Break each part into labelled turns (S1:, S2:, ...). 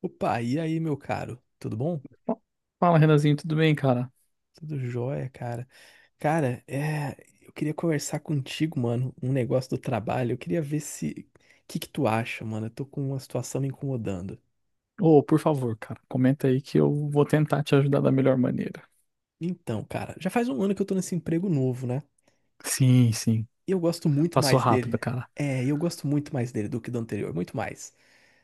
S1: Opa, e aí, meu caro? Tudo bom?
S2: Fa- Fala, Renanzinho, tudo bem, cara?
S1: Tudo jóia, cara. Cara, eu queria conversar contigo, mano, um negócio do trabalho. Eu queria ver se, o que que tu acha, mano? Eu tô com uma situação me incomodando.
S2: Ô, por favor, cara, comenta aí que eu vou tentar te ajudar da melhor maneira.
S1: Então, cara, já faz um ano que eu tô nesse emprego novo, né?
S2: Sim, sim.
S1: E eu gosto muito
S2: Passou
S1: mais dele.
S2: rápido, cara.
S1: É, eu gosto muito mais dele do que do anterior, muito mais.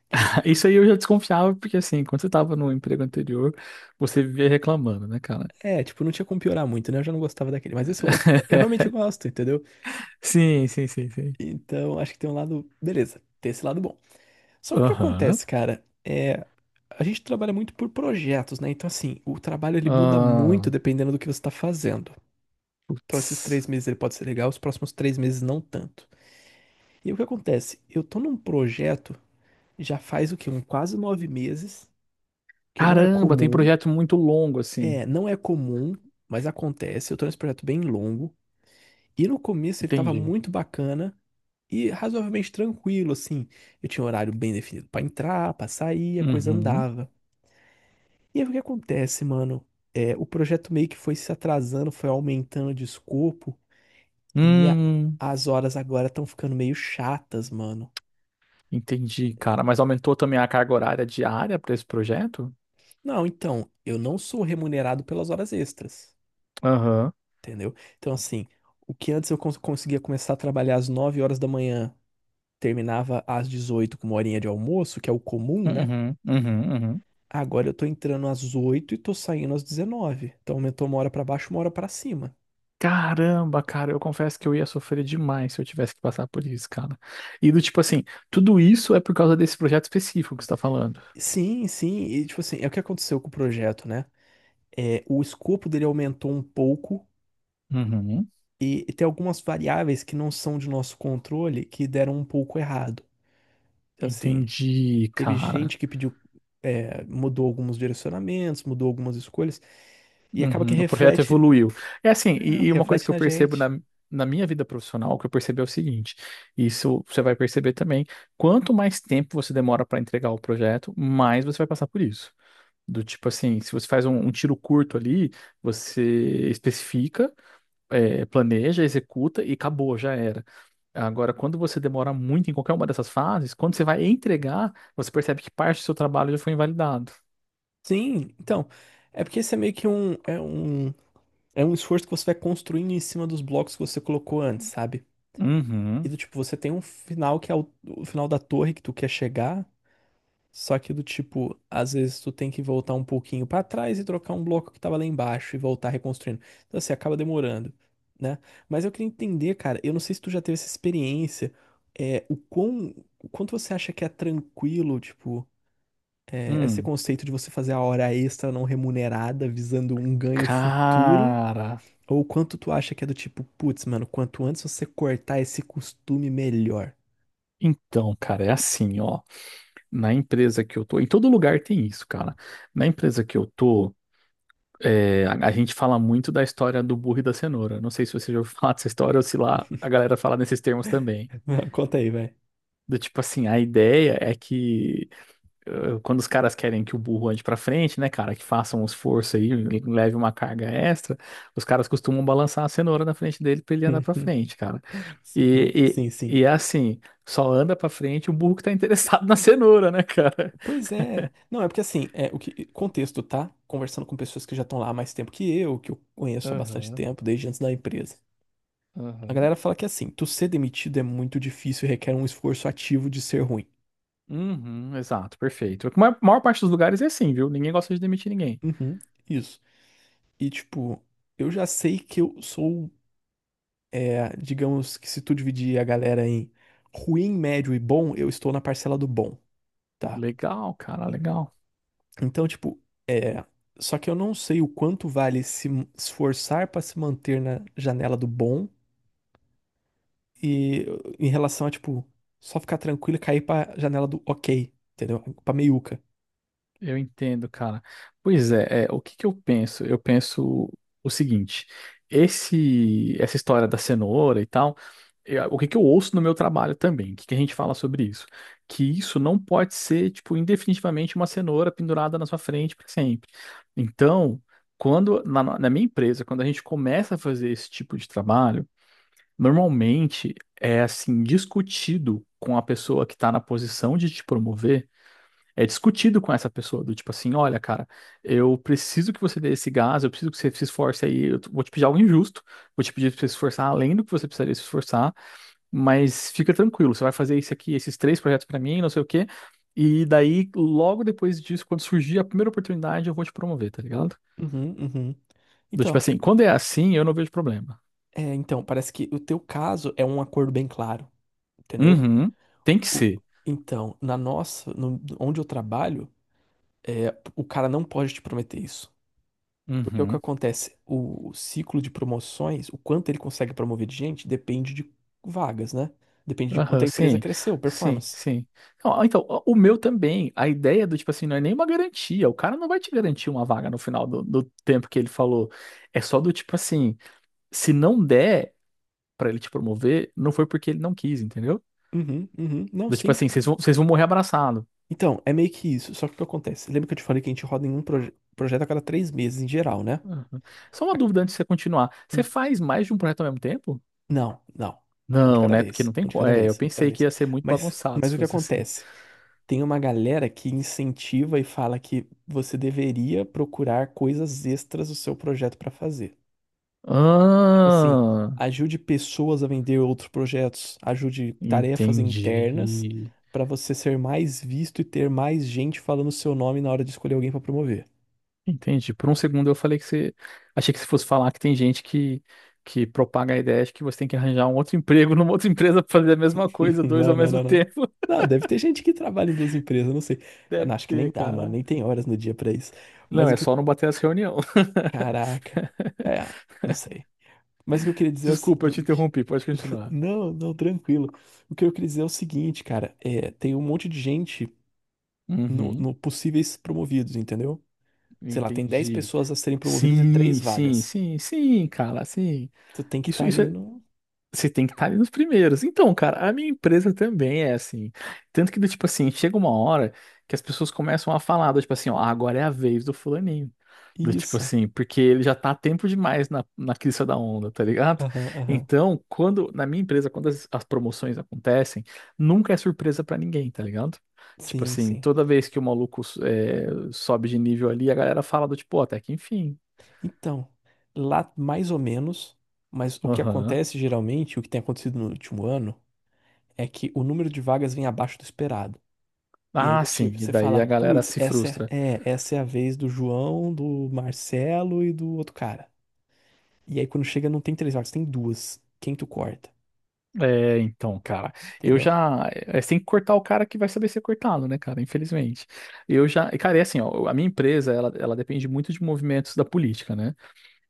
S1: Tipo, assim,
S2: Isso aí eu já desconfiava, porque assim, quando você tava no emprego anterior, você vivia reclamando, né, cara?
S1: tipo, não tinha como piorar muito, né? Eu já não gostava daquele, mas esse eu gosto, eu realmente gosto, entendeu?
S2: Sim, sim, sim, sim.
S1: Então, acho que tem um lado, beleza, tem esse lado bom. Só que o que
S2: Aham.
S1: acontece, cara, é a gente trabalha muito por projetos, né? Então, assim, o trabalho ele muda
S2: Ah,
S1: muito dependendo do que você está fazendo. Então, esses
S2: putz.
S1: 3 meses ele pode ser legal, os próximos 3 meses não tanto. E o que acontece? Eu tô num projeto já faz o quê? Quase 9 meses, que não é
S2: Caramba, tem
S1: comum.
S2: projeto muito longo, assim.
S1: É, não é comum, mas acontece. Eu tô nesse projeto bem longo. E no começo ele tava
S2: Entendi.
S1: muito bacana e razoavelmente tranquilo, assim. Eu tinha um horário bem definido para entrar, para sair, a coisa
S2: Uhum.
S1: andava. E aí o que acontece, mano? É, o projeto meio que foi se atrasando, foi aumentando de escopo e
S2: Hum.
S1: as horas agora estão ficando meio chatas, mano.
S2: Entendi, cara. Mas aumentou também a carga horária diária para esse projeto?
S1: Não, então, eu não sou remunerado pelas horas extras,
S2: Aham.
S1: entendeu? Então, assim, o que antes eu conseguia começar a trabalhar às 9 horas da manhã, terminava às 18h com uma horinha de almoço, que é o comum, né?
S2: Uhum, uhum, uhum.
S1: Agora eu tô entrando às 8h e tô saindo às 19h. Então aumentou uma hora pra baixo, uma hora pra cima.
S2: Caramba, cara, eu confesso que eu ia sofrer demais se eu tivesse que passar por isso, cara. E do tipo assim, tudo isso é por causa desse projeto específico que você tá falando.
S1: Sim, sim, e tipo assim, é o que aconteceu com o projeto, né? O escopo dele aumentou um pouco
S2: Uhum.
S1: e tem algumas variáveis que não são de nosso controle que deram um pouco errado. Então, assim,
S2: Entendi,
S1: teve
S2: cara.
S1: gente que pediu, mudou alguns direcionamentos, mudou algumas escolhas e acaba
S2: Uhum.
S1: que
S2: O projeto evoluiu. É assim,
S1: é,
S2: e uma coisa
S1: reflete
S2: que eu
S1: na
S2: percebo na,
S1: gente.
S2: na minha vida profissional, que eu percebo é o seguinte: isso você vai perceber também. Quanto mais tempo você demora para entregar o projeto, mais você vai passar por isso. Do tipo assim, se você faz um tiro curto ali, você especifica, planeja, executa e acabou, já era. Agora, quando você demora muito em qualquer uma dessas fases, quando você vai entregar, você percebe que parte do seu trabalho já foi invalidado.
S1: Sim, então, é porque isso é meio que um, é um, é um esforço que você vai construindo em cima dos blocos que você colocou antes, sabe? E
S2: Uhum.
S1: do tipo, você tem um final que é o final da torre que tu quer chegar, só que do tipo, às vezes tu tem que voltar um pouquinho pra trás e trocar um bloco que tava lá embaixo e voltar reconstruindo. Então assim, acaba demorando, né? Mas eu queria entender, cara, eu não sei se tu já teve essa experiência, é, o quão, o quanto você acha que é tranquilo, tipo, esse
S2: Hum.
S1: conceito de você fazer a hora extra não remunerada visando um ganho futuro,
S2: Cara.
S1: ou o quanto tu acha que é do tipo, putz, mano, quanto antes você cortar esse costume, melhor.
S2: Então, cara, é assim, ó. Na empresa que eu tô, em todo lugar tem isso, cara. Na empresa que eu tô, é, a gente fala muito da história do burro e da cenoura. Não sei se você já ouviu falar dessa história ou se lá a galera fala nesses termos também.
S1: Conta aí, vai.
S2: Do tipo assim, a ideia é que quando os caras querem que o burro ande pra frente, né, cara, que façam um esforço aí, leve uma carga extra, os caras costumam balançar a cenoura na frente dele pra ele andar pra
S1: Uhum.
S2: frente, cara.
S1: Sim,
S2: E,
S1: sim,
S2: e,
S1: sim.
S2: e é assim, só anda pra frente o burro que tá interessado na cenoura, né, cara?
S1: Pois é. Não, é porque assim, é o que contexto, tá? Conversando com pessoas que já estão lá há mais tempo que eu conheço há bastante
S2: Aham,
S1: tempo, desde antes da empresa. A
S2: aham.
S1: galera fala que assim, tu ser demitido é muito difícil e requer um esforço ativo de ser ruim.
S2: Uhum, exato, perfeito. A maior parte dos lugares é assim, viu? Ninguém gosta de demitir ninguém.
S1: Uhum, isso. E tipo, eu já sei que eu sou, digamos que se tu dividir a galera em ruim, médio e bom, eu estou na parcela do bom, tá?
S2: Legal, cara, legal.
S1: Então, tipo, é. Só que eu não sei o quanto vale se esforçar pra se manter na janela do bom e em relação a, tipo, só ficar tranquilo e cair pra janela do ok, entendeu? Pra meiuca.
S2: Eu entendo, cara. Pois é, o que que eu penso? Eu penso o seguinte: essa história da cenoura e tal, o que que eu ouço no meu trabalho também? O que que a gente fala sobre isso? Que isso não pode ser, tipo, indefinitivamente uma cenoura pendurada na sua frente para sempre. Então, quando na minha empresa, quando a gente começa a fazer esse tipo de trabalho, normalmente é assim discutido com a pessoa que está na posição de te promover é discutido com essa pessoa, do tipo assim, olha, cara, eu preciso que você dê esse gás, eu preciso que você se esforce aí, vou te pedir algo injusto, vou te pedir pra você se esforçar além do que você precisaria se esforçar, mas fica tranquilo, você vai fazer isso aqui, esses três projetos pra mim, não sei o quê, e daí, logo depois disso, quando surgir a primeira oportunidade, eu vou te promover, tá ligado?
S1: Uhum, uhum.
S2: Do tipo
S1: Então,
S2: assim, quando é assim, eu não vejo problema.
S1: então, parece que o teu caso é um acordo bem claro, entendeu?
S2: Uhum, tem que
S1: O-
S2: ser.
S1: então, na nossa, onde eu trabalho, é, o cara não pode te prometer isso. Porque o que
S2: Uhum.
S1: acontece? O ciclo de promoções, o quanto ele consegue promover de gente, depende de vagas, né? Depende de quanto
S2: Aham,
S1: a empresa
S2: sim,
S1: cresceu,
S2: sim,
S1: performance.
S2: sim. Não, ah, então, o meu também, a ideia do tipo assim, não é nenhuma garantia, o cara não vai te garantir uma vaga no final do tempo que ele falou. É só do tipo assim, se não der pra ele te promover, não foi porque ele não quis, entendeu?
S1: Uhum, uhum. Não,
S2: Do tipo
S1: sim.
S2: assim, vocês vão morrer abraçado.
S1: Então, é meio que isso. Só que o que acontece? Lembra que eu te falei que a gente roda em um projeto a cada 3 meses em geral, né?
S2: Aham. Só uma
S1: A-
S2: dúvida antes de você continuar. Você
S1: Hum,
S2: faz mais de um projeto ao mesmo tempo?
S1: não, não. Um de
S2: Não,
S1: cada
S2: né? Porque
S1: vez.
S2: não tem
S1: Um de
S2: como.
S1: cada
S2: É, eu
S1: vez. Um de cada
S2: pensei que
S1: vez.
S2: ia ser muito
S1: Mas,
S2: bagunçado
S1: mas
S2: se
S1: o que
S2: fosse assim.
S1: acontece? Tem uma galera que incentiva e fala que você deveria procurar coisas extras do seu projeto para fazer. Tipo assim,
S2: Ah,
S1: ajude pessoas a vender outros projetos, ajude tarefas internas
S2: entendi.
S1: para você ser mais visto e ter mais gente falando o seu nome na hora de escolher alguém para promover.
S2: Entendi. Por um segundo eu falei que você. Achei que você fosse falar que tem gente que propaga a ideia de que você tem que arranjar um outro emprego numa outra empresa pra fazer a mesma coisa, dois ao
S1: Não, não,
S2: mesmo
S1: não, não.
S2: tempo.
S1: Não, deve ter gente que trabalha em duas empresas, não sei. Eu não,
S2: Deve
S1: acho que nem
S2: ter,
S1: dá, mano,
S2: cara.
S1: nem tem horas no dia para isso.
S2: Não,
S1: Mas o
S2: é
S1: que eu...
S2: só não bater as reuniões.
S1: Caraca. É, não sei. Mas o que eu queria dizer é o
S2: Desculpa, eu te
S1: seguinte.
S2: interrompi, pode continuar.
S1: Não, não, tranquilo. O que eu queria dizer é o seguinte, cara, é, tem um monte de gente no,
S2: Uhum,
S1: no possíveis promovidos, entendeu? Sei lá, tem 10
S2: entendi.
S1: pessoas a serem promovidas e
S2: Sim,
S1: três
S2: sim,
S1: vagas.
S2: sim, sim, cara, sim.
S1: Tu tem que
S2: Isso,
S1: estar
S2: isso
S1: ali
S2: é.
S1: no.
S2: Você tem que estar ali nos primeiros. Então, cara, a minha empresa também é assim. Tanto que, do tipo assim, chega uma hora que as pessoas começam a falar, do tipo assim, ó, agora é a vez do fulaninho. Do tipo
S1: Isso.
S2: assim, porque ele já tá há tempo demais na crista da onda, tá ligado?
S1: Aham, aham.
S2: Então, quando, na minha empresa, quando as promoções acontecem, nunca é surpresa pra ninguém, tá ligado? Tipo
S1: Sim,
S2: assim,
S1: sim.
S2: toda vez que o maluco sobe de nível ali, a galera fala do tipo, ó, até que enfim.
S1: Então, lá mais ou menos, mas o que
S2: Aham.
S1: acontece geralmente, o que tem acontecido no último ano, é que o número de vagas vem abaixo do esperado. E aí
S2: Ah,
S1: do
S2: sim.
S1: tipo,
S2: E
S1: você
S2: daí
S1: fala,
S2: a galera
S1: putz,
S2: se
S1: essa é,
S2: frustra.
S1: é, essa é a vez do João, do Marcelo e do outro cara. E aí quando chega não tem três vagas, tem duas. Quem tu corta?
S2: É, então, cara, eu
S1: Entendeu?
S2: já. É, você tem que cortar o cara que vai saber ser cortado, né, cara? Infelizmente. Cara, é assim, ó, a minha empresa, ela depende muito de movimentos da política, né?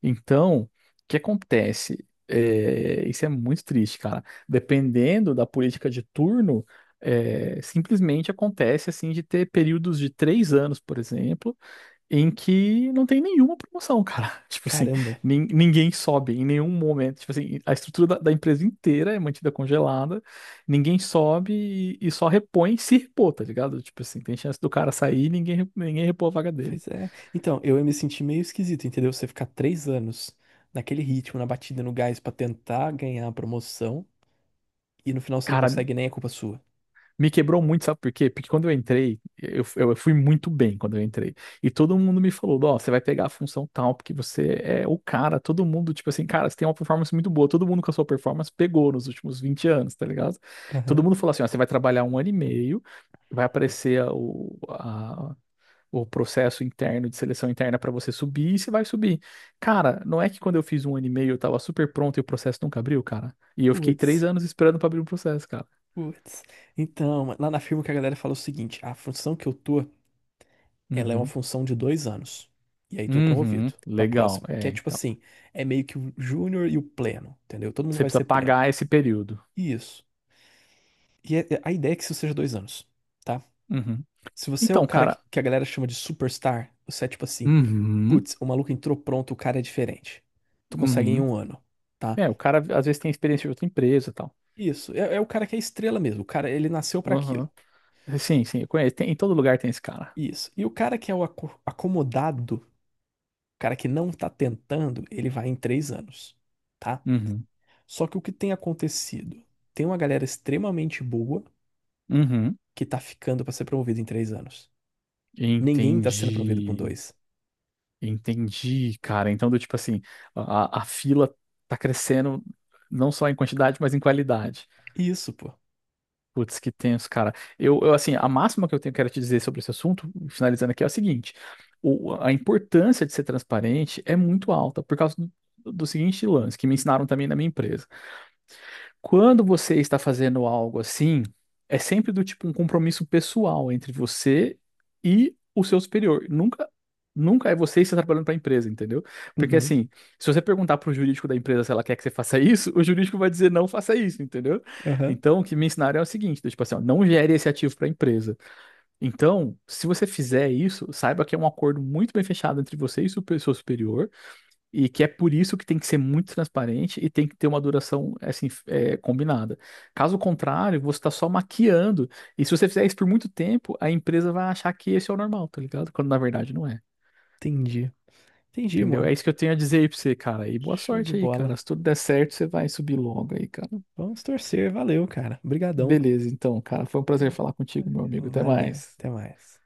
S2: Então, o que acontece? É, isso é muito triste, cara. Dependendo da política de turno, simplesmente acontece, assim, de ter períodos de 3 anos, por exemplo, em que não tem nenhuma promoção, cara. Tipo assim,
S1: Caramba.
S2: ninguém sobe em nenhum momento. Tipo assim, a estrutura da empresa inteira é mantida congelada, ninguém sobe e só repõe se repor, tá ligado? Tipo assim, tem chance do cara sair e ninguém, ninguém repor a vaga dele.
S1: Pois é. Então, eu ia me sentir meio esquisito, entendeu? Você ficar 3 anos naquele ritmo, na batida, no gás pra tentar ganhar a promoção e no final você não
S2: Cara,
S1: consegue nem é culpa sua.
S2: me quebrou muito, sabe por quê? Porque quando eu entrei, eu fui muito bem quando eu entrei. E todo mundo me falou, ó, você vai pegar a função tal, porque você é o cara. Todo mundo, tipo assim, cara, você tem uma performance muito boa. Todo mundo com a sua performance pegou nos últimos 20 anos, tá ligado? Todo
S1: Aham.
S2: mundo falou assim, ó, você vai trabalhar um ano e meio, vai aparecer o processo interno de seleção interna pra você subir e você vai subir. Cara, não é que quando eu fiz um ano e meio eu tava super pronto e o processo nunca abriu, cara? E eu fiquei três
S1: Putz,
S2: anos esperando pra abrir o processo, cara.
S1: putz. Então, lá na firma o que a galera fala é o seguinte: a função que eu tô, ela é uma
S2: Uhum.
S1: função de 2 anos. E aí tu é
S2: Uhum,
S1: promovido pra
S2: legal.
S1: próxima. Que
S2: É,
S1: é tipo
S2: então.
S1: assim: é meio que o júnior e o pleno, entendeu? Todo mundo
S2: Você
S1: vai
S2: precisa
S1: ser pleno.
S2: pagar esse período.
S1: Isso. E a ideia é que isso seja 2 anos, tá?
S2: Uhum.
S1: Se você é o
S2: Então,
S1: cara
S2: cara.
S1: que a galera chama de superstar, você é tipo assim,
S2: Uhum,
S1: putz, o maluco entrou pronto, o cara é diferente. Tu consegue em
S2: uhum.
S1: um ano, tá?
S2: É, o cara às vezes tem experiência de outra empresa e tal.
S1: Isso, é o cara que é estrela mesmo, o cara, ele nasceu pra aquilo.
S2: Uhum. Sim, sim, eu conheço. Em todo lugar tem esse cara.
S1: Isso. E o cara que é o acomodado, o cara que não tá tentando, ele vai em 3 anos, tá?
S2: Uhum,
S1: Só que o que tem acontecido? Tem uma galera extremamente boa
S2: uhum.
S1: que tá ficando pra ser promovida em 3 anos. Ninguém tá sendo promovido com
S2: Entendi.
S1: dois.
S2: Entendi, cara. Então, do tipo assim, a fila tá crescendo não só em quantidade, mas em qualidade.
S1: Isso, pô.
S2: Putz, que tenso, cara. Eu, assim, a máxima que eu tenho, quero te dizer sobre esse assunto, finalizando aqui, é o seguinte: a importância de ser transparente é muito alta por causa do seguinte lance, que me ensinaram também na minha empresa. Quando você está fazendo algo assim, é sempre do tipo um compromisso pessoal entre você e o seu superior. Nunca, nunca é você que está trabalhando para a empresa, entendeu? Porque
S1: Uhum,
S2: assim, se você perguntar para o jurídico da empresa se ela quer que você faça isso, o jurídico vai dizer não faça isso, entendeu?
S1: aham,
S2: Então, o que me ensinaram é o seguinte, do tipo assim, ó, não gere esse ativo para a empresa. Então, se você fizer isso, saiba que é um acordo muito bem fechado entre você e o seu superior. E que é por isso que tem que ser muito transparente e tem que ter uma duração assim combinada. Caso contrário, você está só maquiando. E se você fizer isso por muito tempo, a empresa vai achar que esse é o normal, tá ligado? Quando na verdade não é.
S1: entendi. Entendi,
S2: Entendeu?
S1: mano.
S2: É isso que eu tenho a dizer aí pra você, cara. E boa
S1: Show de
S2: sorte aí,
S1: bola.
S2: cara. Se tudo der certo, você vai subir logo aí, cara.
S1: Vamos torcer. Valeu, cara. Obrigadão.
S2: Beleza, então, cara. Foi um prazer falar contigo, meu amigo. Até
S1: Valeu.
S2: mais.
S1: Até mais.